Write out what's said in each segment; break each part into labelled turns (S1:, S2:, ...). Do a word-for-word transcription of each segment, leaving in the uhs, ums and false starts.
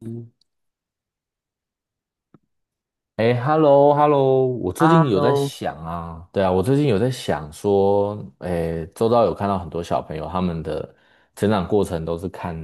S1: 嗯
S2: 哎，hello，hello，我最近有在
S1: Hello，
S2: 想啊，对啊，我最近有在想说，哎，周遭有看到很多小朋友他们的成长过程都是看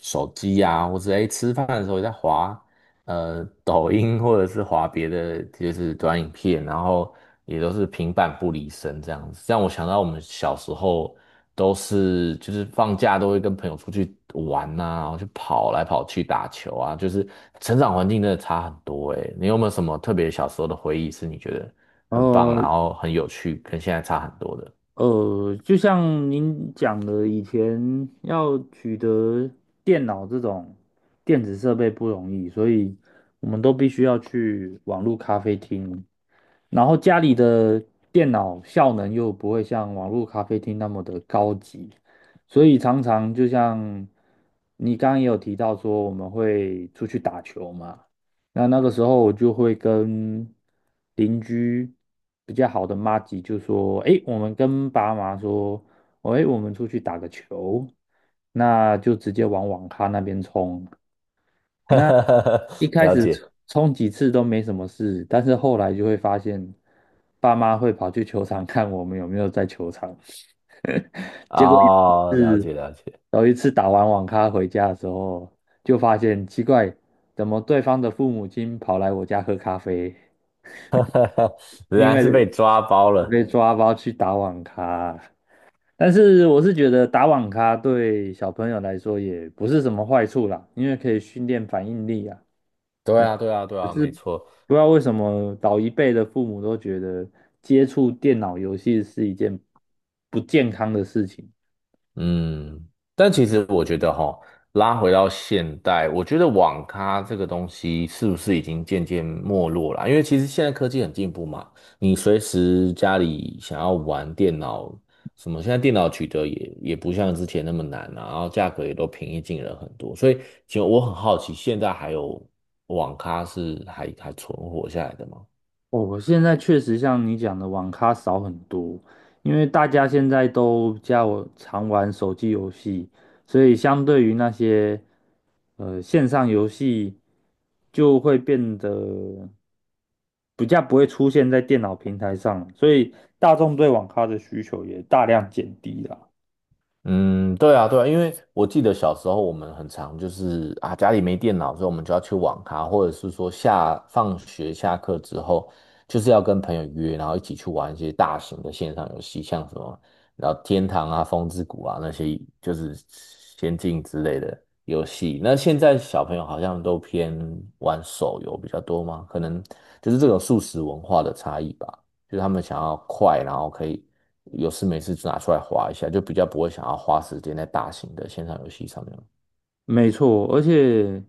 S2: 手机呀、啊，或者哎吃饭的时候也在滑呃抖音，或者是滑别的，就是短影片，然后也都是平板不离身这样子。让我想到我们小时候都是就是放假都会跟朋友出去玩呐，然后去跑来跑去打球啊，就是成长环境真的差很多诶，你有没有什么特别小时候的回忆是你觉得很棒，
S1: 呃
S2: 然后很有趣，跟现在差很多的？
S1: 呃，就像您讲的，以前要取得电脑这种电子设备不容易，所以我们都必须要去网络咖啡厅，然后家里的电脑效能又不会像网络咖啡厅那么的高级，所以常常就像你刚刚也有提到说，我们会出去打球嘛。那那个时候我就会跟邻居比较好的妈吉就说：“诶，我们跟爸妈说，哦诶，我们出去打个球，那就直接往网咖那边冲。那一 开
S2: 了
S1: 始冲
S2: 解。
S1: 冲几次都没什么事，但是后来就会发现，爸妈会跑去球场看我们有没有在球场。结果有一
S2: 哦，了
S1: 次，
S2: 解了解。
S1: 有一次打完网咖回家的时候，就发现奇怪，怎么对方的父母亲跑来我家喝咖啡？
S2: 原
S1: 因
S2: 来是被
S1: 为
S2: 抓包了。
S1: 被抓包去打网咖。但是我是觉得打网咖对小朋友来说也不是什么坏处啦，因为可以训练反应力啊。
S2: 对
S1: 对，
S2: 啊，对啊，对啊，没错。
S1: 不知道为什么老一辈的父母都觉得接触电脑游戏是一件不健康的事情。
S2: 嗯，但其实我觉得哈，拉回到现代，我觉得网咖这个东西是不是已经渐渐没落了啊？因为其实现在科技很进步嘛，你随时家里想要玩电脑什么，现在电脑取得也也不像之前那么难了，啊然后价格也都平易近人很多，所以其实我很好奇，现在还有网咖是还还存活下来的吗？
S1: 我现在确实像你讲的，网咖少很多，因为大家现在都加我常玩手机游戏，所以相对于那些呃线上游戏，就会变得比较不会出现在电脑平台上了，所以大众对网咖的需求也大量减低了。
S2: 嗯，对啊，对啊，因为我记得小时候我们很常就是啊，家里没电脑，所以我们就要去网咖，或者是说下放学下课之后，就是要跟朋友约，然后一起去玩一些大型的线上游戏，像什么，然后天堂啊、风之谷啊那些，就是仙境之类的游戏。那现在小朋友好像都偏玩手游比较多吗？可能就是这种素食文化的差异吧。就是他们想要快，然后可以有事没事就拿出来滑一下，就比较不会想要花时间在大型的线上游戏上面。
S1: 没错，而且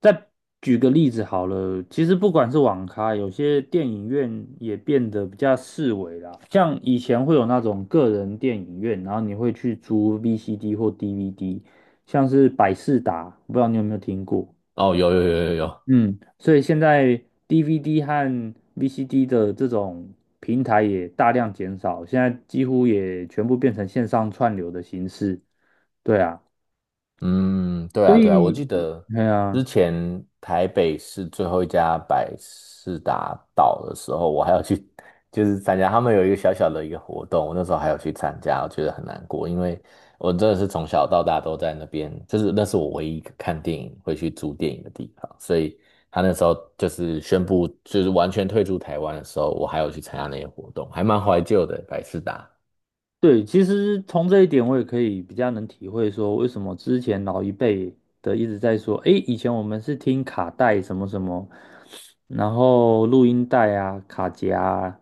S1: 再举个例子好了，其实不管是网咖，有些电影院也变得比较四维啦。像以前会有那种个人电影院，然后你会去租 V C D 或 D V D,像是百视达，不知道你有没有听过？
S2: 哦，有有有有有。
S1: 嗯，所以现在 D V D 和 V C D 的这种平台也大量减少，现在几乎也全部变成线上串流的形式。对啊，
S2: 嗯，对
S1: 所
S2: 啊，对啊，我
S1: 以，
S2: 记得
S1: 对啊。
S2: 之前台北市最后一家百事达倒的时候，我还要去，就是参加他们有一个小小的一个活动，我那时候还有去参加，我觉得很难过，因为我真的是从小到大都在那边，就是那是我唯一一个看电影会去租电影的地方，所以他那时候就是宣布就是完全退出台湾的时候，我还有去参加那些活动，还蛮怀旧的，百事达。
S1: 对，其实从这一点我也可以比较能体会说，为什么之前老一辈的一直在说，诶，以前我们是听卡带什么什么，然后录音带啊、卡夹啊，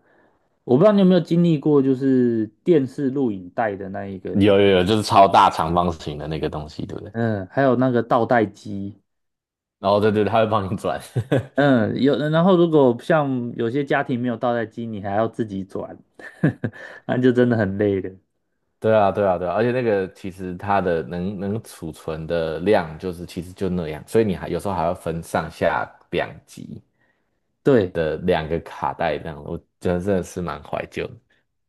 S1: 我不知道你有没有经历过，就是电视录影带的那一个年，
S2: 有有有，就是超大长方形的那个东西，对不对？
S1: 嗯，还有那个倒带机，
S2: 哦，对对，他会帮你转。
S1: 嗯，有，然后如果像有些家庭没有倒带机，你还要自己转，那就真的很累了。
S2: 对啊，对啊，对啊，而且那个其实它的能能储存的量就是其实就那样，所以你还有时候还要分上下两级
S1: 对。
S2: 的两个卡带这样，我觉得真的是蛮怀旧的。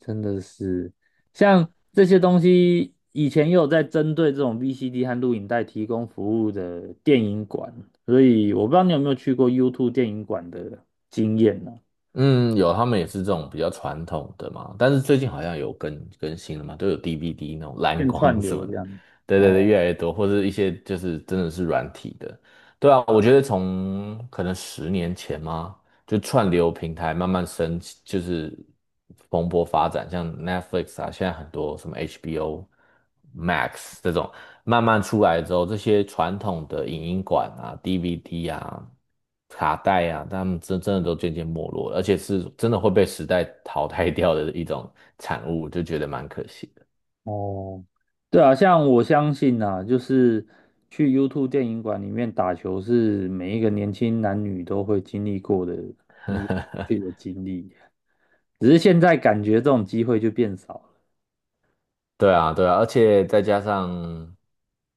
S1: 真的是，像这些东西，以前也有在针对这种 V C D 和录影带提供服务的电影馆，所以我不知道你有没有去过 YouTube 电影馆的经验呢、
S2: 嗯，有，他们也是这种比较传统的嘛，但是最近好像有更更新了嘛，都有 D V D 那种蓝
S1: 变串
S2: 光什
S1: 流
S2: 么
S1: 这
S2: 的，
S1: 样。
S2: 对对
S1: 哦
S2: 对，越来越多，或是一些就是真的是软体的。对啊，我觉得从可能十年前吗？就串流平台慢慢升起，就是蓬勃发展，像 Netflix 啊，现在很多什么 H B O Max 这种慢慢出来之后，这些传统的影音馆啊、D V D 啊、卡带啊，他们真真的都渐渐没落了，而且是真的会被时代淘汰掉的一种产物，就觉得蛮可惜。
S1: 哦，对啊，像我相信啊，就是去 YouTube 电影馆里面打球是每一个年轻男女都会经历过的一个自己的经历，只是现在感觉这种机会就变少了。
S2: 对啊，对啊，而且再加上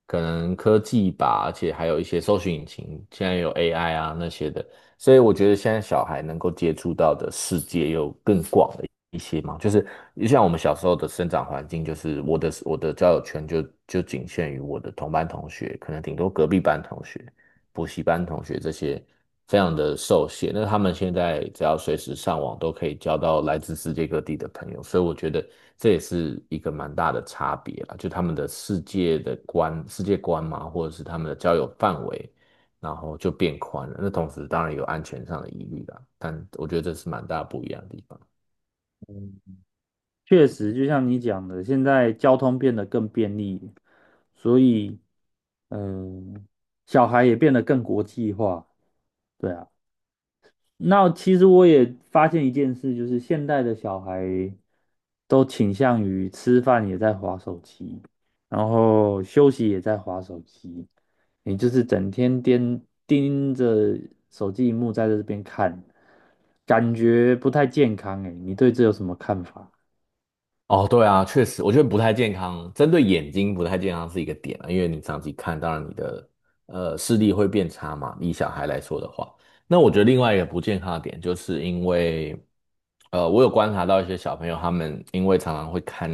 S2: 可能科技吧，而且还有一些搜寻引擎，现在有 A I 啊那些的，所以我觉得现在小孩能够接触到的世界又更广了一些嘛。就是就像我们小时候的生长环境，就是我的我的交友圈就就仅限于我的同班同学，可能顶多隔壁班同学。补习班同学这些非常的受限。那他们现在只要随时上网，都可以交到来自世界各地的朋友，所以我觉得这也是一个蛮大的差别啦，就他们的世界的观、世界观嘛，或者是他们的交友范围，然后就变宽了。那同时当然有安全上的疑虑啦，但我觉得这是蛮大不一样的地方。
S1: 确实，就像你讲的，现在交通变得更便利，所以，嗯、小孩也变得更国际化。对啊，那其实我也发现一件事，就是现代的小孩都倾向于吃饭也在划手机，然后休息也在划手机，你就是整天盯盯着手机荧幕在这边看，感觉不太健康诶，你对这有什么看法？
S2: 哦，对啊，确实，我觉得不太健康，针对眼睛不太健康是一个点啊，因为你长期看，当然你的呃视力会变差嘛。以小孩来说的话，那我觉得另外一个不健康的点，就是因为呃，我有观察到一些小朋友，他们因为常常会看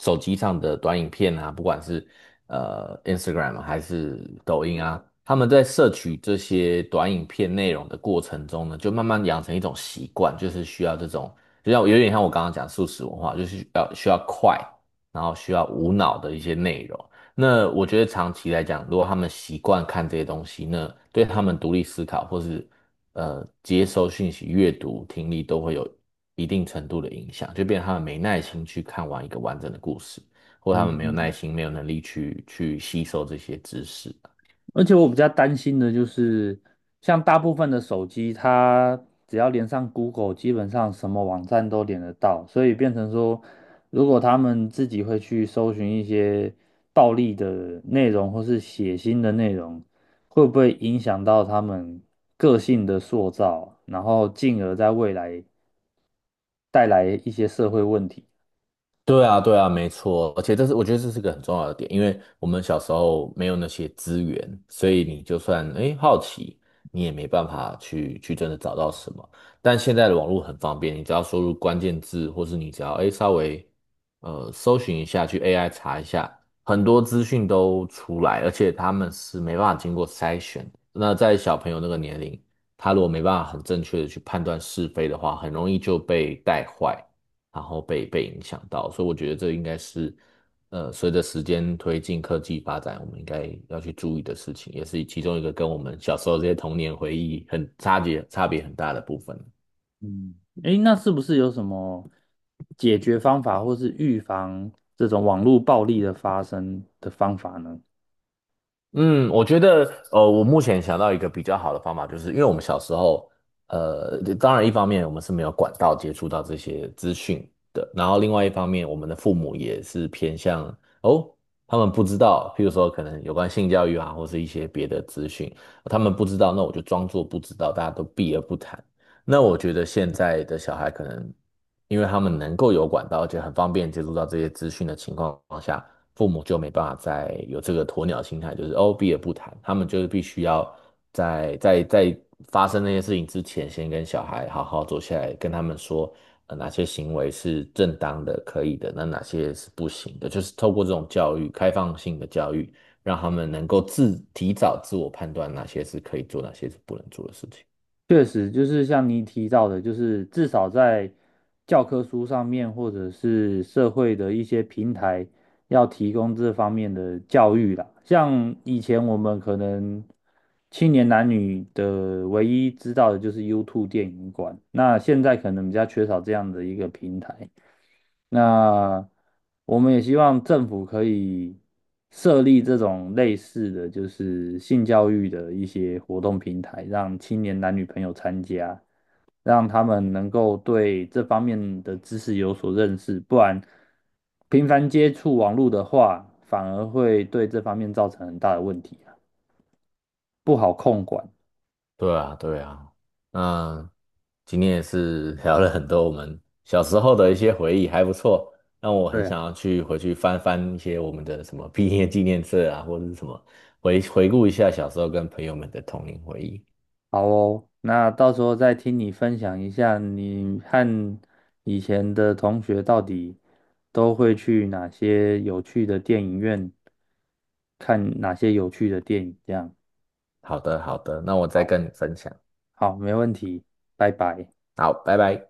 S2: 手机上的短影片啊，不管是呃 Instagram 啊还是抖音啊，他们在摄取这些短影片内容的过程中呢，就慢慢养成一种习惯，就是需要这种就像有点像我刚刚讲素食文化，就是要需要快，然后需要无脑的一些内容。那我觉得长期来讲，如果他们习惯看这些东西，那对他们独立思考或是呃接收讯息、阅读、听力都会有一定程度的影响，就变成他们没耐心去看完一个完整的故事，或他们没有耐
S1: 嗯，
S2: 心、没有能力去去吸收这些知识。
S1: 而且我比较担心的就是，像大部分的手机，它只要连上 Google,基本上什么网站都连得到，所以变成说，如果他们自己会去搜寻一些暴力的内容或是血腥的内容，会不会影响到他们个性的塑造，然后进而在未来带来一些社会问题？
S2: 对啊，对啊，没错，而且这是我觉得这是个很重要的点，因为我们小时候没有那些资源，所以你就算诶好奇，你也没办法去去真的找到什么。但现在的网络很方便，你只要输入关键字，或是你只要诶稍微呃搜寻一下，去 A I 查一下，很多资讯都出来，而且他们是没办法经过筛选的那在小朋友那个年龄，他如果没办法很正确的去判断是非的话，很容易就被带坏。然后被被影响到，所以我觉得这应该是，呃，随着时间推进科技发展，我们应该要去注意的事情，也是其中一个跟我们小时候这些童年回忆很差别差别很大的部分。
S1: 嗯，诶，那是不是有什么解决方法，或是预防这种网络暴力的发生的方法呢？
S2: 嗯，我觉得，呃，我目前想到一个比较好的方法，就是因为我们小时候，呃，当然一方面我们是没有管道接触到这些资讯的，然后另外一方面，我们的父母也是偏向哦，他们不知道，譬如说可能有关性教育啊，或是一些别的资讯，他们不知道，那我就装作不知道，大家都避而不谈。那我觉得现在的小孩可能。因为他们能够有管道，而且很方便接触到这些资讯的情况下，父母就没办法再有这个鸵鸟心态，就是哦避而不谈，他们就是必须要在在在发生那些事情之前，先跟小孩好好坐下来，跟他们说，呃，哪些行为是正当的、可以的，那哪些是不行的，就是透过这种教育，开放性的教育，让他们能够自提早自我判断哪些是可以做，哪些是不能做的事情。
S1: 确实，就是像你提到的，就是至少在教科书上面，或者是社会的一些平台，要提供这方面的教育啦。像以前我们可能青年男女的唯一知道的就是 YouTube 电影馆，那现在可能比较缺少这样的一个平台。那我们也希望政府可以设立这种类似的就是性教育的一些活动平台，让青年男女朋友参加，让他们能够对这方面的知识有所认识，不然频繁接触网络的话，反而会对这方面造成很大的问题啊，不好管。
S2: 对啊，对啊。嗯。今天也是聊了很多我们小时候的一些回忆，还不错，让我很
S1: 对。
S2: 想要去回去翻翻一些我们的什么毕业纪念册啊，或者是什么回回顾一下小时候跟朋友们的童年回忆。
S1: 好哦，那到时候再听你分享一下，你和以前的同学到底都会去哪些有趣的电影院看哪些有趣的电影，这样。
S2: 好的，好的，那我再
S1: 好，
S2: 跟你分享。
S1: 好，没问题，拜拜。
S2: 好，拜拜。